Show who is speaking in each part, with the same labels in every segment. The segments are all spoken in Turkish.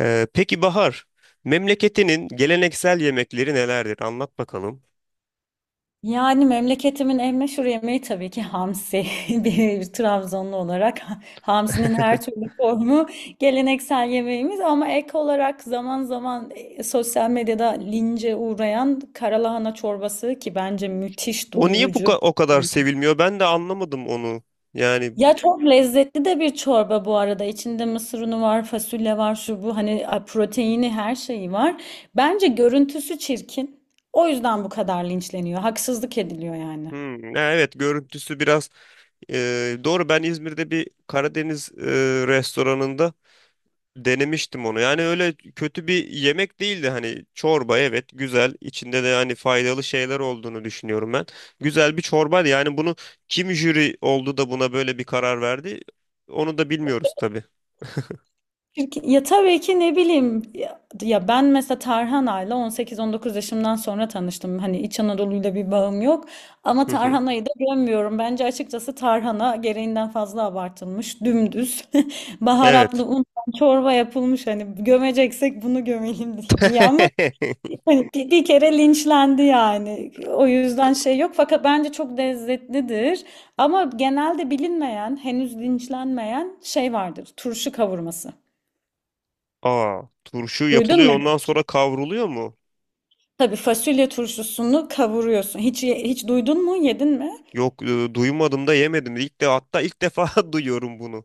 Speaker 1: Peki Bahar, memleketinin geleneksel yemekleri nelerdir? Anlat bakalım.
Speaker 2: Yani memleketimin en meşhur yemeği tabii ki hamsi. Bir Trabzonlu olarak hamsinin her türlü formu geleneksel yemeğimiz ama ek olarak zaman zaman sosyal medyada lince uğrayan karalahana çorbası ki bence müthiş
Speaker 1: O niye
Speaker 2: doyurucu bir
Speaker 1: o kadar
Speaker 2: şey.
Speaker 1: sevilmiyor? Ben de anlamadım onu. Yani
Speaker 2: Ya çok lezzetli de bir çorba bu arada. İçinde mısır unu var, fasulye var, şu bu hani proteini her şeyi var. Bence görüntüsü çirkin. O yüzden bu kadar linçleniyor. Haksızlık ediliyor yani.
Speaker 1: hmm, ha, evet görüntüsü biraz e, doğru. Ben İzmir'de bir Karadeniz restoranında denemiştim onu. Yani öyle kötü bir yemek değildi. Hani çorba, evet, güzel. İçinde de hani faydalı şeyler olduğunu düşünüyorum ben. Güzel bir çorbaydı. Yani bunu kim jüri oldu da buna böyle bir karar verdi? Onu da bilmiyoruz tabii.
Speaker 2: Çünkü ya tabii ki ne bileyim ya ben mesela Tarhana'yla 18-19 yaşımdan sonra tanıştım. Hani İç Anadolu'yla bir bağım yok ama Tarhana'yı da gömüyorum. Bence açıkçası Tarhana gereğinden fazla abartılmış, dümdüz, baharatlı
Speaker 1: Evet.
Speaker 2: un çorba yapılmış, hani gömeceksek bunu gömelim diye ama hani bir kere linçlendi yani. O yüzden şey yok, fakat bence çok lezzetlidir. Ama genelde bilinmeyen, henüz linçlenmeyen şey vardır. Turşu kavurması.
Speaker 1: Aa, turşu
Speaker 2: Duydun mu?
Speaker 1: yapılıyor, ondan sonra kavruluyor mu?
Speaker 2: Tabii fasulye turşusunu kavuruyorsun. Hiç hiç duydun mu? Yedin mi?
Speaker 1: Yok, duymadım da yemedim. İlk de, hatta ilk defa duyuyorum bunu.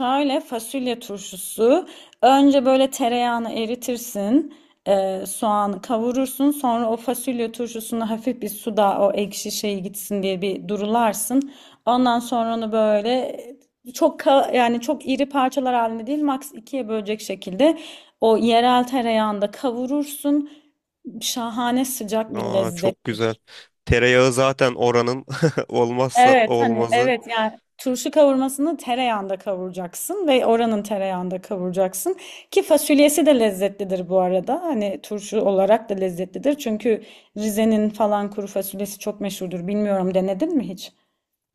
Speaker 2: Şöyle fasulye turşusu. Önce böyle tereyağını eritirsin. Soğanı kavurursun. Sonra o fasulye turşusunu hafif bir suda o ekşi şey gitsin diye bir durularsın. Ondan sonra onu böyle çok yani çok iri parçalar halinde değil, maks ikiye bölecek şekilde o yerel tereyağında kavurursun. Şahane sıcak bir
Speaker 1: Aa,
Speaker 2: lezzet.
Speaker 1: çok güzel. Tereyağı zaten oranın olmazsa
Speaker 2: Evet, hani
Speaker 1: olmazı.
Speaker 2: evet, yani turşu kavurmasını tereyağında kavuracaksın ve oranın tereyağında kavuracaksın ki fasulyesi de lezzetlidir bu arada. Hani turşu olarak da lezzetlidir. Çünkü Rize'nin falan kuru fasulyesi çok meşhurdur. Bilmiyorum, denedin mi hiç?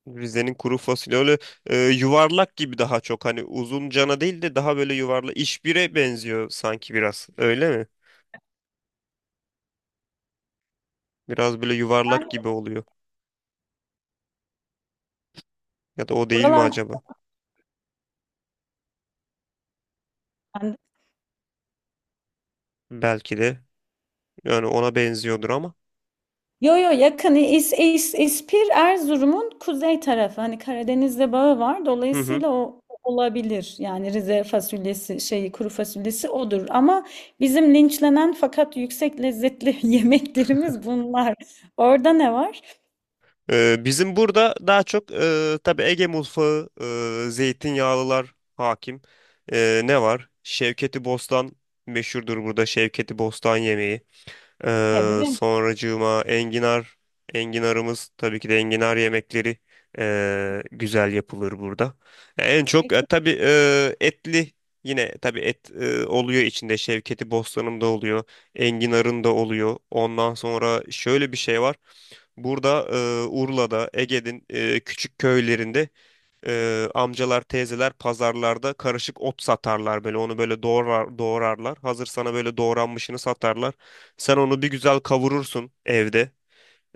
Speaker 1: Rize'nin kuru fasulye öyle yuvarlak gibi, daha çok hani uzun cana değil de daha böyle yuvarlak işbire benziyor sanki, biraz öyle mi? Biraz böyle yuvarlak
Speaker 2: Yani
Speaker 1: gibi oluyor ya da o değil mi
Speaker 2: buralar.
Speaker 1: acaba? Belki de, yani ona benziyordur ama.
Speaker 2: Yo yo, yakın İspir Erzurum'un kuzey tarafı, hani Karadeniz'le bağı var,
Speaker 1: Hı hı.
Speaker 2: dolayısıyla o olabilir yani. Rize fasulyesi şeyi, kuru fasulyesi odur ama bizim linçlenen fakat yüksek lezzetli yemeklerimiz bunlar. Orada ne var?
Speaker 1: Bizim burada daha çok tabii Ege mutfağı, zeytinyağlılar hakim. Ne var? Şevketi Bostan meşhurdur burada. Şevketi Bostan yemeği.
Speaker 2: Sebze,
Speaker 1: Sonracığıma enginar. Enginarımız, tabii ki de, enginar yemekleri güzel yapılır burada. En çok
Speaker 2: kekik,
Speaker 1: e, tabii etli, yine tabii et oluyor içinde. Şevketi Bostan'ın da oluyor. Enginar'ın da oluyor. Ondan sonra şöyle bir şey var. Burada, Urla'da, Ege'nin küçük köylerinde, amcalar, teyzeler pazarlarda karışık ot satarlar böyle. Onu böyle doğrarlar. Hazır sana böyle doğranmışını satarlar. Sen onu bir güzel kavurursun evde.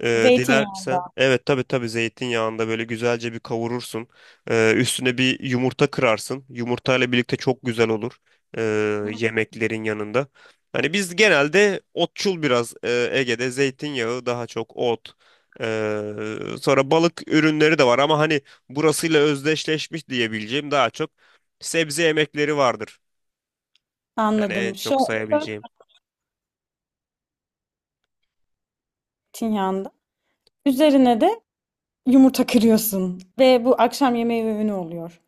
Speaker 1: Dilersen,
Speaker 2: zeytinyağında.
Speaker 1: evet tabii, zeytinyağında böyle güzelce bir kavurursun. Üstüne bir yumurta kırarsın. Yumurtayla birlikte çok güzel olur ee,
Speaker 2: Hı.
Speaker 1: yemeklerin yanında. Hani biz genelde otçul biraz, Ege'de zeytinyağı, daha çok ot. Ee, Sonra balık ürünleri de var ama hani burasıyla özdeşleşmiş diyebileceğim daha çok sebze yemekleri vardır. Yani en
Speaker 2: Anladım. Şu
Speaker 1: çok sayabileceğim.
Speaker 2: zeytinyağında. Üzerine de yumurta kırıyorsun ve bu akşam yemeği öğünü oluyor.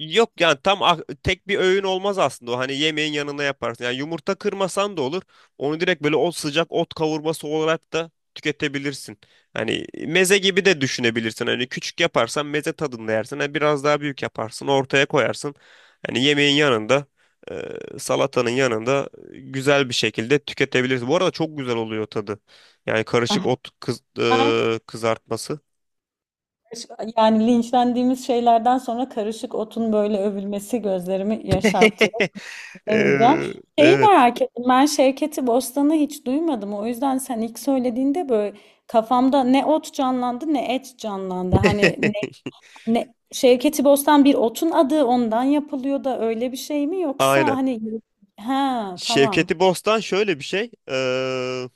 Speaker 1: Yok, yani tam tek bir öğün olmaz aslında o, hani yemeğin yanına yaparsın. Yani yumurta kırmasan da olur. Onu direkt böyle o sıcak ot kavurması olarak da tüketebilirsin. Hani meze gibi de düşünebilirsin. Hani küçük yaparsan meze tadında yersin. Hani biraz daha büyük yaparsın, ortaya koyarsın. Hani yemeğin yanında, salatanın yanında güzel bir şekilde tüketebilirsin. Bu arada çok güzel oluyor tadı. Yani karışık ot kız, e, kızartması.
Speaker 2: Yani linçlendiğimiz şeylerden sonra karışık otun böyle övülmesi gözlerimi yaşarttı. Demeyeceğim.
Speaker 1: E,
Speaker 2: Şeyi
Speaker 1: evet.
Speaker 2: merak ettim. Ben Şevket'i Bostan'ı hiç duymadım. O yüzden sen ilk söylediğinde böyle kafamda ne ot canlandı ne et canlandı. Hani ne, ne Şevket'i Bostan bir otun adı, ondan yapılıyor da öyle bir şey mi, yoksa
Speaker 1: Aynen.
Speaker 2: hani, ha tamam.
Speaker 1: Şevketi Bostan şöyle bir şey.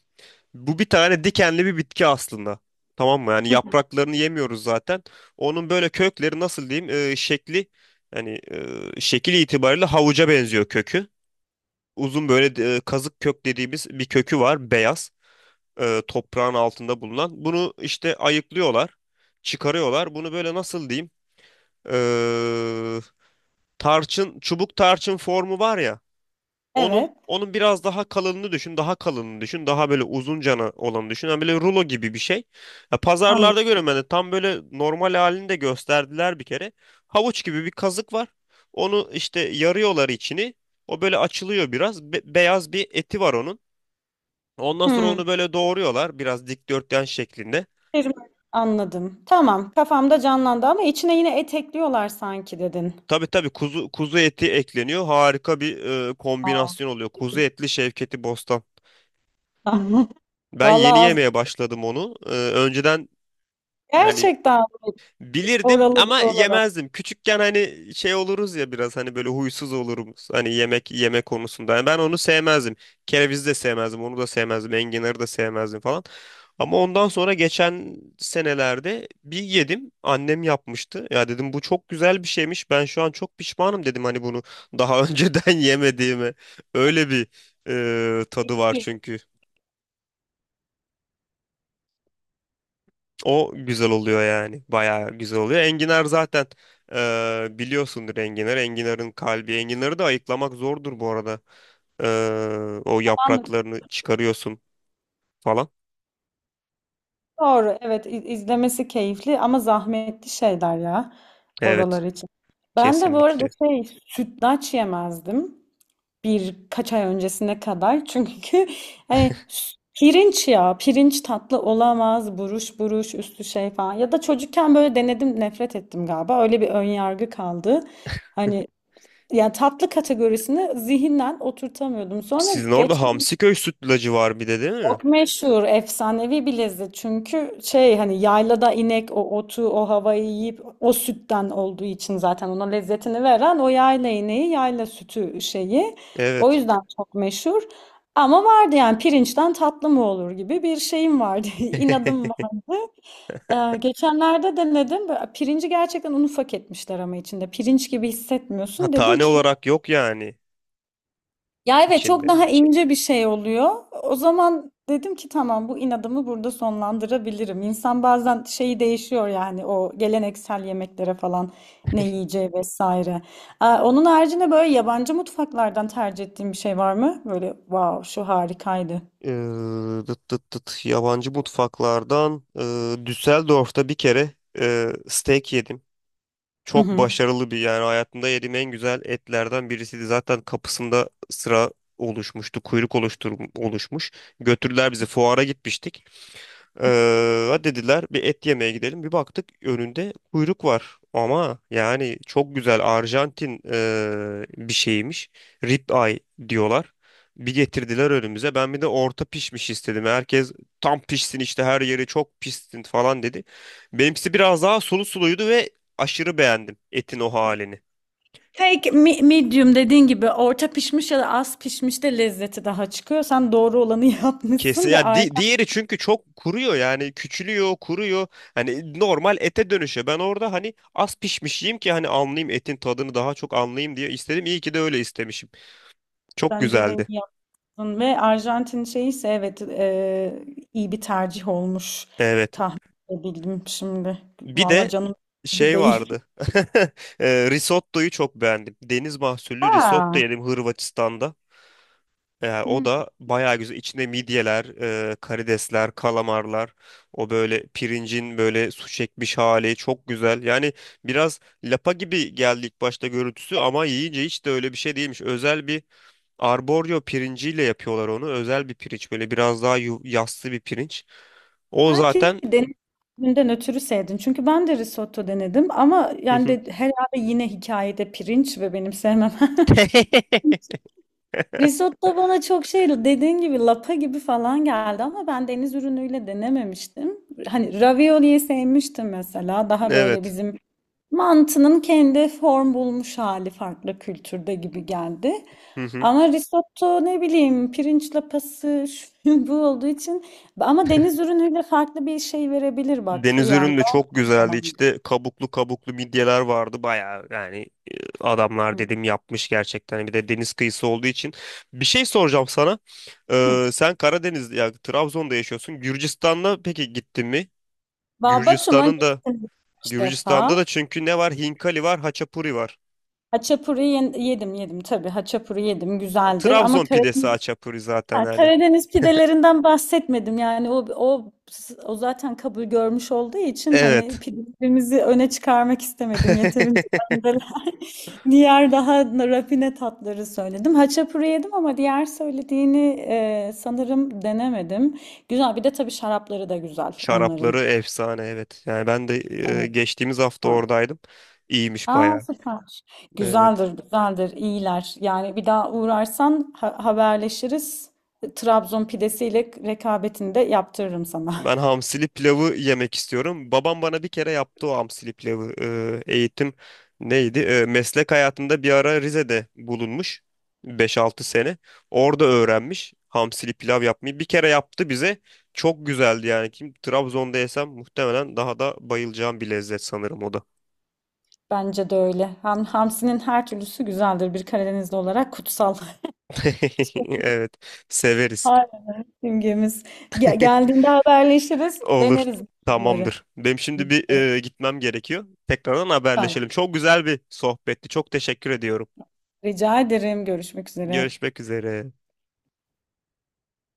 Speaker 1: Bu bir tane dikenli bir bitki aslında. Tamam mı? Yani yapraklarını yemiyoruz zaten. Onun böyle kökleri, nasıl diyeyim, şekli, yani şekil itibariyle havuca benziyor kökü. Uzun böyle, kazık kök dediğimiz bir kökü var, beyaz, toprağın altında bulunan. Bunu işte ayıklıyorlar, çıkarıyorlar. Bunu böyle, nasıl diyeyim, eee, tarçın, çubuk tarçın formu var ya. Onun
Speaker 2: Evet.
Speaker 1: onun biraz daha kalınını düşün, daha kalınını düşün, daha böyle uzun cana olanı düşün. Yani böyle rulo gibi bir şey. Ya
Speaker 2: Anladım.
Speaker 1: pazarlarda görüyorum ben de, tam böyle normal halini de gösterdiler bir kere. Havuç gibi bir kazık var. Onu işte yarıyorlar içini. O böyle açılıyor biraz. Beyaz bir eti var onun. Ondan sonra
Speaker 2: Hmm.
Speaker 1: onu böyle doğruyorlar, biraz dikdörtgen şeklinde.
Speaker 2: Terim- Anladım. Tamam. Kafamda canlandı ama içine yine et ekliyorlar sanki dedin.
Speaker 1: Tabii tabii, kuzu eti ekleniyor. Harika bir kombinasyon oluyor. Kuzu etli Şevketi Bostan. Ben yeni
Speaker 2: Vallahi
Speaker 1: yemeye başladım onu. E, önceden yani
Speaker 2: gerçekten
Speaker 1: bilirdim
Speaker 2: oralı bir
Speaker 1: ama
Speaker 2: olarak
Speaker 1: yemezdim. Küçükken hani şey oluruz ya, biraz hani böyle huysuz oluruz hani yemek yeme konusunda. Yani ben onu sevmezdim. Kerevizi de sevmezdim, onu da sevmezdim, enginarı da sevmezdim falan. Ama ondan sonra geçen senelerde bir yedim. Annem yapmıştı. Ya dedim, bu çok güzel bir şeymiş. Ben şu an çok pişmanım dedim, hani bunu daha önceden yemediğime. Öyle bir tadı var
Speaker 2: şey
Speaker 1: çünkü. O güzel oluyor yani. Bayağı güzel oluyor. Enginar zaten, biliyorsundur enginar. Enginarın kalbi. Enginarı da ayıklamak zordur bu arada. O
Speaker 2: falan,
Speaker 1: yapraklarını çıkarıyorsun falan.
Speaker 2: doğru, evet, izlemesi keyifli ama zahmetli şeyler ya,
Speaker 1: Evet.
Speaker 2: oralar için. Ben de bu arada
Speaker 1: Kesinlikle.
Speaker 2: şey sütlaç yemezdim birkaç ay öncesine kadar çünkü hani pirinç, ya pirinç tatlı olamaz, buruş buruş üstü şey falan, ya da çocukken böyle denedim nefret ettim galiba, öyle bir ön yargı kaldı. Hani yani tatlı kategorisini zihinden oturtamıyordum. Sonra
Speaker 1: Sizin
Speaker 2: geç.
Speaker 1: orada Hamsiköy sütlacı var bir de, değil mi?
Speaker 2: Çok meşhur, efsanevi bir lezzet. Çünkü şey, hani yaylada inek o otu, o havayı yiyip o sütten olduğu için, zaten ona lezzetini veren o yayla ineği, yayla sütü şeyi. O
Speaker 1: Evet.
Speaker 2: yüzden çok meşhur. Ama vardı yani, pirinçten tatlı mı olur gibi bir şeyim vardı. inadım vardı. Geçenlerde denedim. Böyle pirinci gerçekten un ufak etmişler ama içinde. Pirinç gibi
Speaker 1: Ha,
Speaker 2: hissetmiyorsun. Dedim
Speaker 1: tane
Speaker 2: ki
Speaker 1: olarak yok yani
Speaker 2: ya evet, çok
Speaker 1: içinde.
Speaker 2: daha ince bir şey oluyor. O zaman dedim ki tamam, bu inadımı burada sonlandırabilirim. İnsan bazen şeyi değişiyor yani, o geleneksel yemeklere falan ne yiyeceği vesaire. Aa, onun haricinde böyle yabancı mutfaklardan tercih ettiğin bir şey var mı? Böyle wow, şu harikaydı.
Speaker 1: Dıt dıt dıt. Yabancı mutfaklardan Düsseldorf'ta bir kere steak yedim.
Speaker 2: Hı
Speaker 1: Çok
Speaker 2: hı.
Speaker 1: başarılı bir, yani hayatımda yediğim en güzel etlerden birisiydi. Zaten kapısında sıra oluşmuştu, kuyruk oluştur oluşmuş. Götürdüler, bizi fuara gitmiştik. Dediler bir et yemeye gidelim. Bir baktık, önünde kuyruk var. Ama yani çok güzel Arjantin bir şeymiş. Rib eye diyorlar. Bir getirdiler önümüze. Ben bir de orta pişmiş istedim. Herkes tam pişsin işte, her yeri çok pişsin falan dedi. Benimkisi biraz daha suluydu ve aşırı beğendim etin o halini.
Speaker 2: Medium dediğin gibi, orta pişmiş ya da az pişmiş de lezzeti daha çıkıyor. Sen doğru olanı
Speaker 1: Kesin
Speaker 2: yapmışsın ve
Speaker 1: ya,
Speaker 2: ayrı
Speaker 1: diğeri çünkü çok kuruyor, yani küçülüyor, kuruyor, hani normal ete dönüşüyor. Ben orada hani az pişmiş yiyeyim ki hani anlayayım etin tadını, daha çok anlayayım diye istedim. İyi ki de öyle istemişim, çok
Speaker 2: bence de
Speaker 1: güzeldi.
Speaker 2: iyi. Ve Arjantin şeyi ise, evet, iyi bir tercih olmuş,
Speaker 1: Evet,
Speaker 2: tahmin edebildim şimdi.
Speaker 1: bir
Speaker 2: Valla
Speaker 1: de
Speaker 2: canım sıkıldı
Speaker 1: şey
Speaker 2: değil.
Speaker 1: vardı. Risottoyu çok beğendim, deniz mahsullü risotto
Speaker 2: Aa,
Speaker 1: yedim Hırvatistan'da. O
Speaker 2: Hı.
Speaker 1: da bayağı güzel. İçinde midyeler, karidesler, kalamarlar. O böyle pirincin böyle su çekmiş hali çok güzel. Yani biraz lapa gibi geldi ilk başta görüntüsü, ama yiyince hiç de öyle bir şey değilmiş. Özel bir arboryo pirinciyle yapıyorlar onu. Özel bir pirinç, böyle biraz daha yassı bir pirinç. O
Speaker 2: Belki
Speaker 1: zaten...
Speaker 2: denediğimden ötürü sevdin. Çünkü ben de risotto denedim ama,
Speaker 1: Hı
Speaker 2: yani
Speaker 1: hı.
Speaker 2: de herhalde yine hikayede pirinç ve benim sevmem. Risotto bana çok şey, dediğin gibi lapa gibi falan geldi ama ben deniz ürünüyle denememiştim. Hani ravioliyi sevmiştim mesela. Daha böyle
Speaker 1: Evet.
Speaker 2: bizim mantının kendi form bulmuş hali farklı kültürde gibi geldi.
Speaker 1: Hı hı.
Speaker 2: Ama risotto ne bileyim, pirinç lapası şu bu olduğu için, ama deniz ürünüyle farklı bir şey verebilir bak,
Speaker 1: Deniz
Speaker 2: yani
Speaker 1: ürünü de
Speaker 2: ben
Speaker 1: çok
Speaker 2: o
Speaker 1: güzeldi.
Speaker 2: zaman.
Speaker 1: İşte kabuklu midyeler vardı. Bayağı yani, adamlar dedim yapmış gerçekten. Bir de deniz kıyısı olduğu için. Bir şey soracağım sana.
Speaker 2: Hı.
Speaker 1: Sen Karadeniz ya Trabzon'da yaşıyorsun. Gürcistan'da peki, gittin mi?
Speaker 2: Babatum'a
Speaker 1: Gürcistan'ın da,
Speaker 2: gittim üç
Speaker 1: Gürcistan'da
Speaker 2: defa.
Speaker 1: da, çünkü ne var? Hinkali var, haçapuri var.
Speaker 2: Yedim yedim tabii, haçapuri yedim güzeldir ama
Speaker 1: Trabzon pidesi haçapuri zaten
Speaker 2: ha,
Speaker 1: yani.
Speaker 2: Karadeniz pidelerinden bahsetmedim. Yani o zaten kabul görmüş olduğu için hani
Speaker 1: Evet.
Speaker 2: pidelerimizi öne çıkarmak istemedim. Yeterince benzeler. Diğer daha rafine tatları söyledim. Haçapuri yedim ama diğer söylediğini sanırım denemedim. Güzel. Bir de tabii şarapları da güzel onların.
Speaker 1: Şarapları efsane, evet. Yani ben de
Speaker 2: Evet.
Speaker 1: geçtiğimiz hafta
Speaker 2: Güzel.
Speaker 1: oradaydım. İyiymiş
Speaker 2: Aa
Speaker 1: bayağı.
Speaker 2: süper.
Speaker 1: Evet.
Speaker 2: Güzeldir, güzeldir. İyiler Yani bir daha uğrarsan haberleşiriz. Trabzon pidesiyle rekabetini de yaptırırım sana.
Speaker 1: Ben hamsili pilavı yemek istiyorum. Babam bana bir kere yaptı o hamsili pilavı. Eğitim neydi? E, meslek hayatında bir ara Rize'de bulunmuş, 5-6 sene. Orada öğrenmiş hamsili pilav yapmayı. Bir kere yaptı bize. Çok güzeldi yani. Kim Trabzon'da yesem muhtemelen daha da bayılacağım bir lezzet sanırım o da.
Speaker 2: Bence de öyle. Hamsinin her türlüsü güzeldir. Bir Karadenizli olarak kutsal.
Speaker 1: Evet, severiz.
Speaker 2: Aynen. Simgemiz. Geldiğinde haberleşiriz.
Speaker 1: Olur.
Speaker 2: Deneriz onları.
Speaker 1: Tamamdır. Benim şimdi bir gitmem gerekiyor. Tekrardan
Speaker 2: Tamam.
Speaker 1: haberleşelim. Çok güzel bir sohbetti. Çok teşekkür ediyorum.
Speaker 2: Rica ederim. Görüşmek üzere.
Speaker 1: Görüşmek üzere.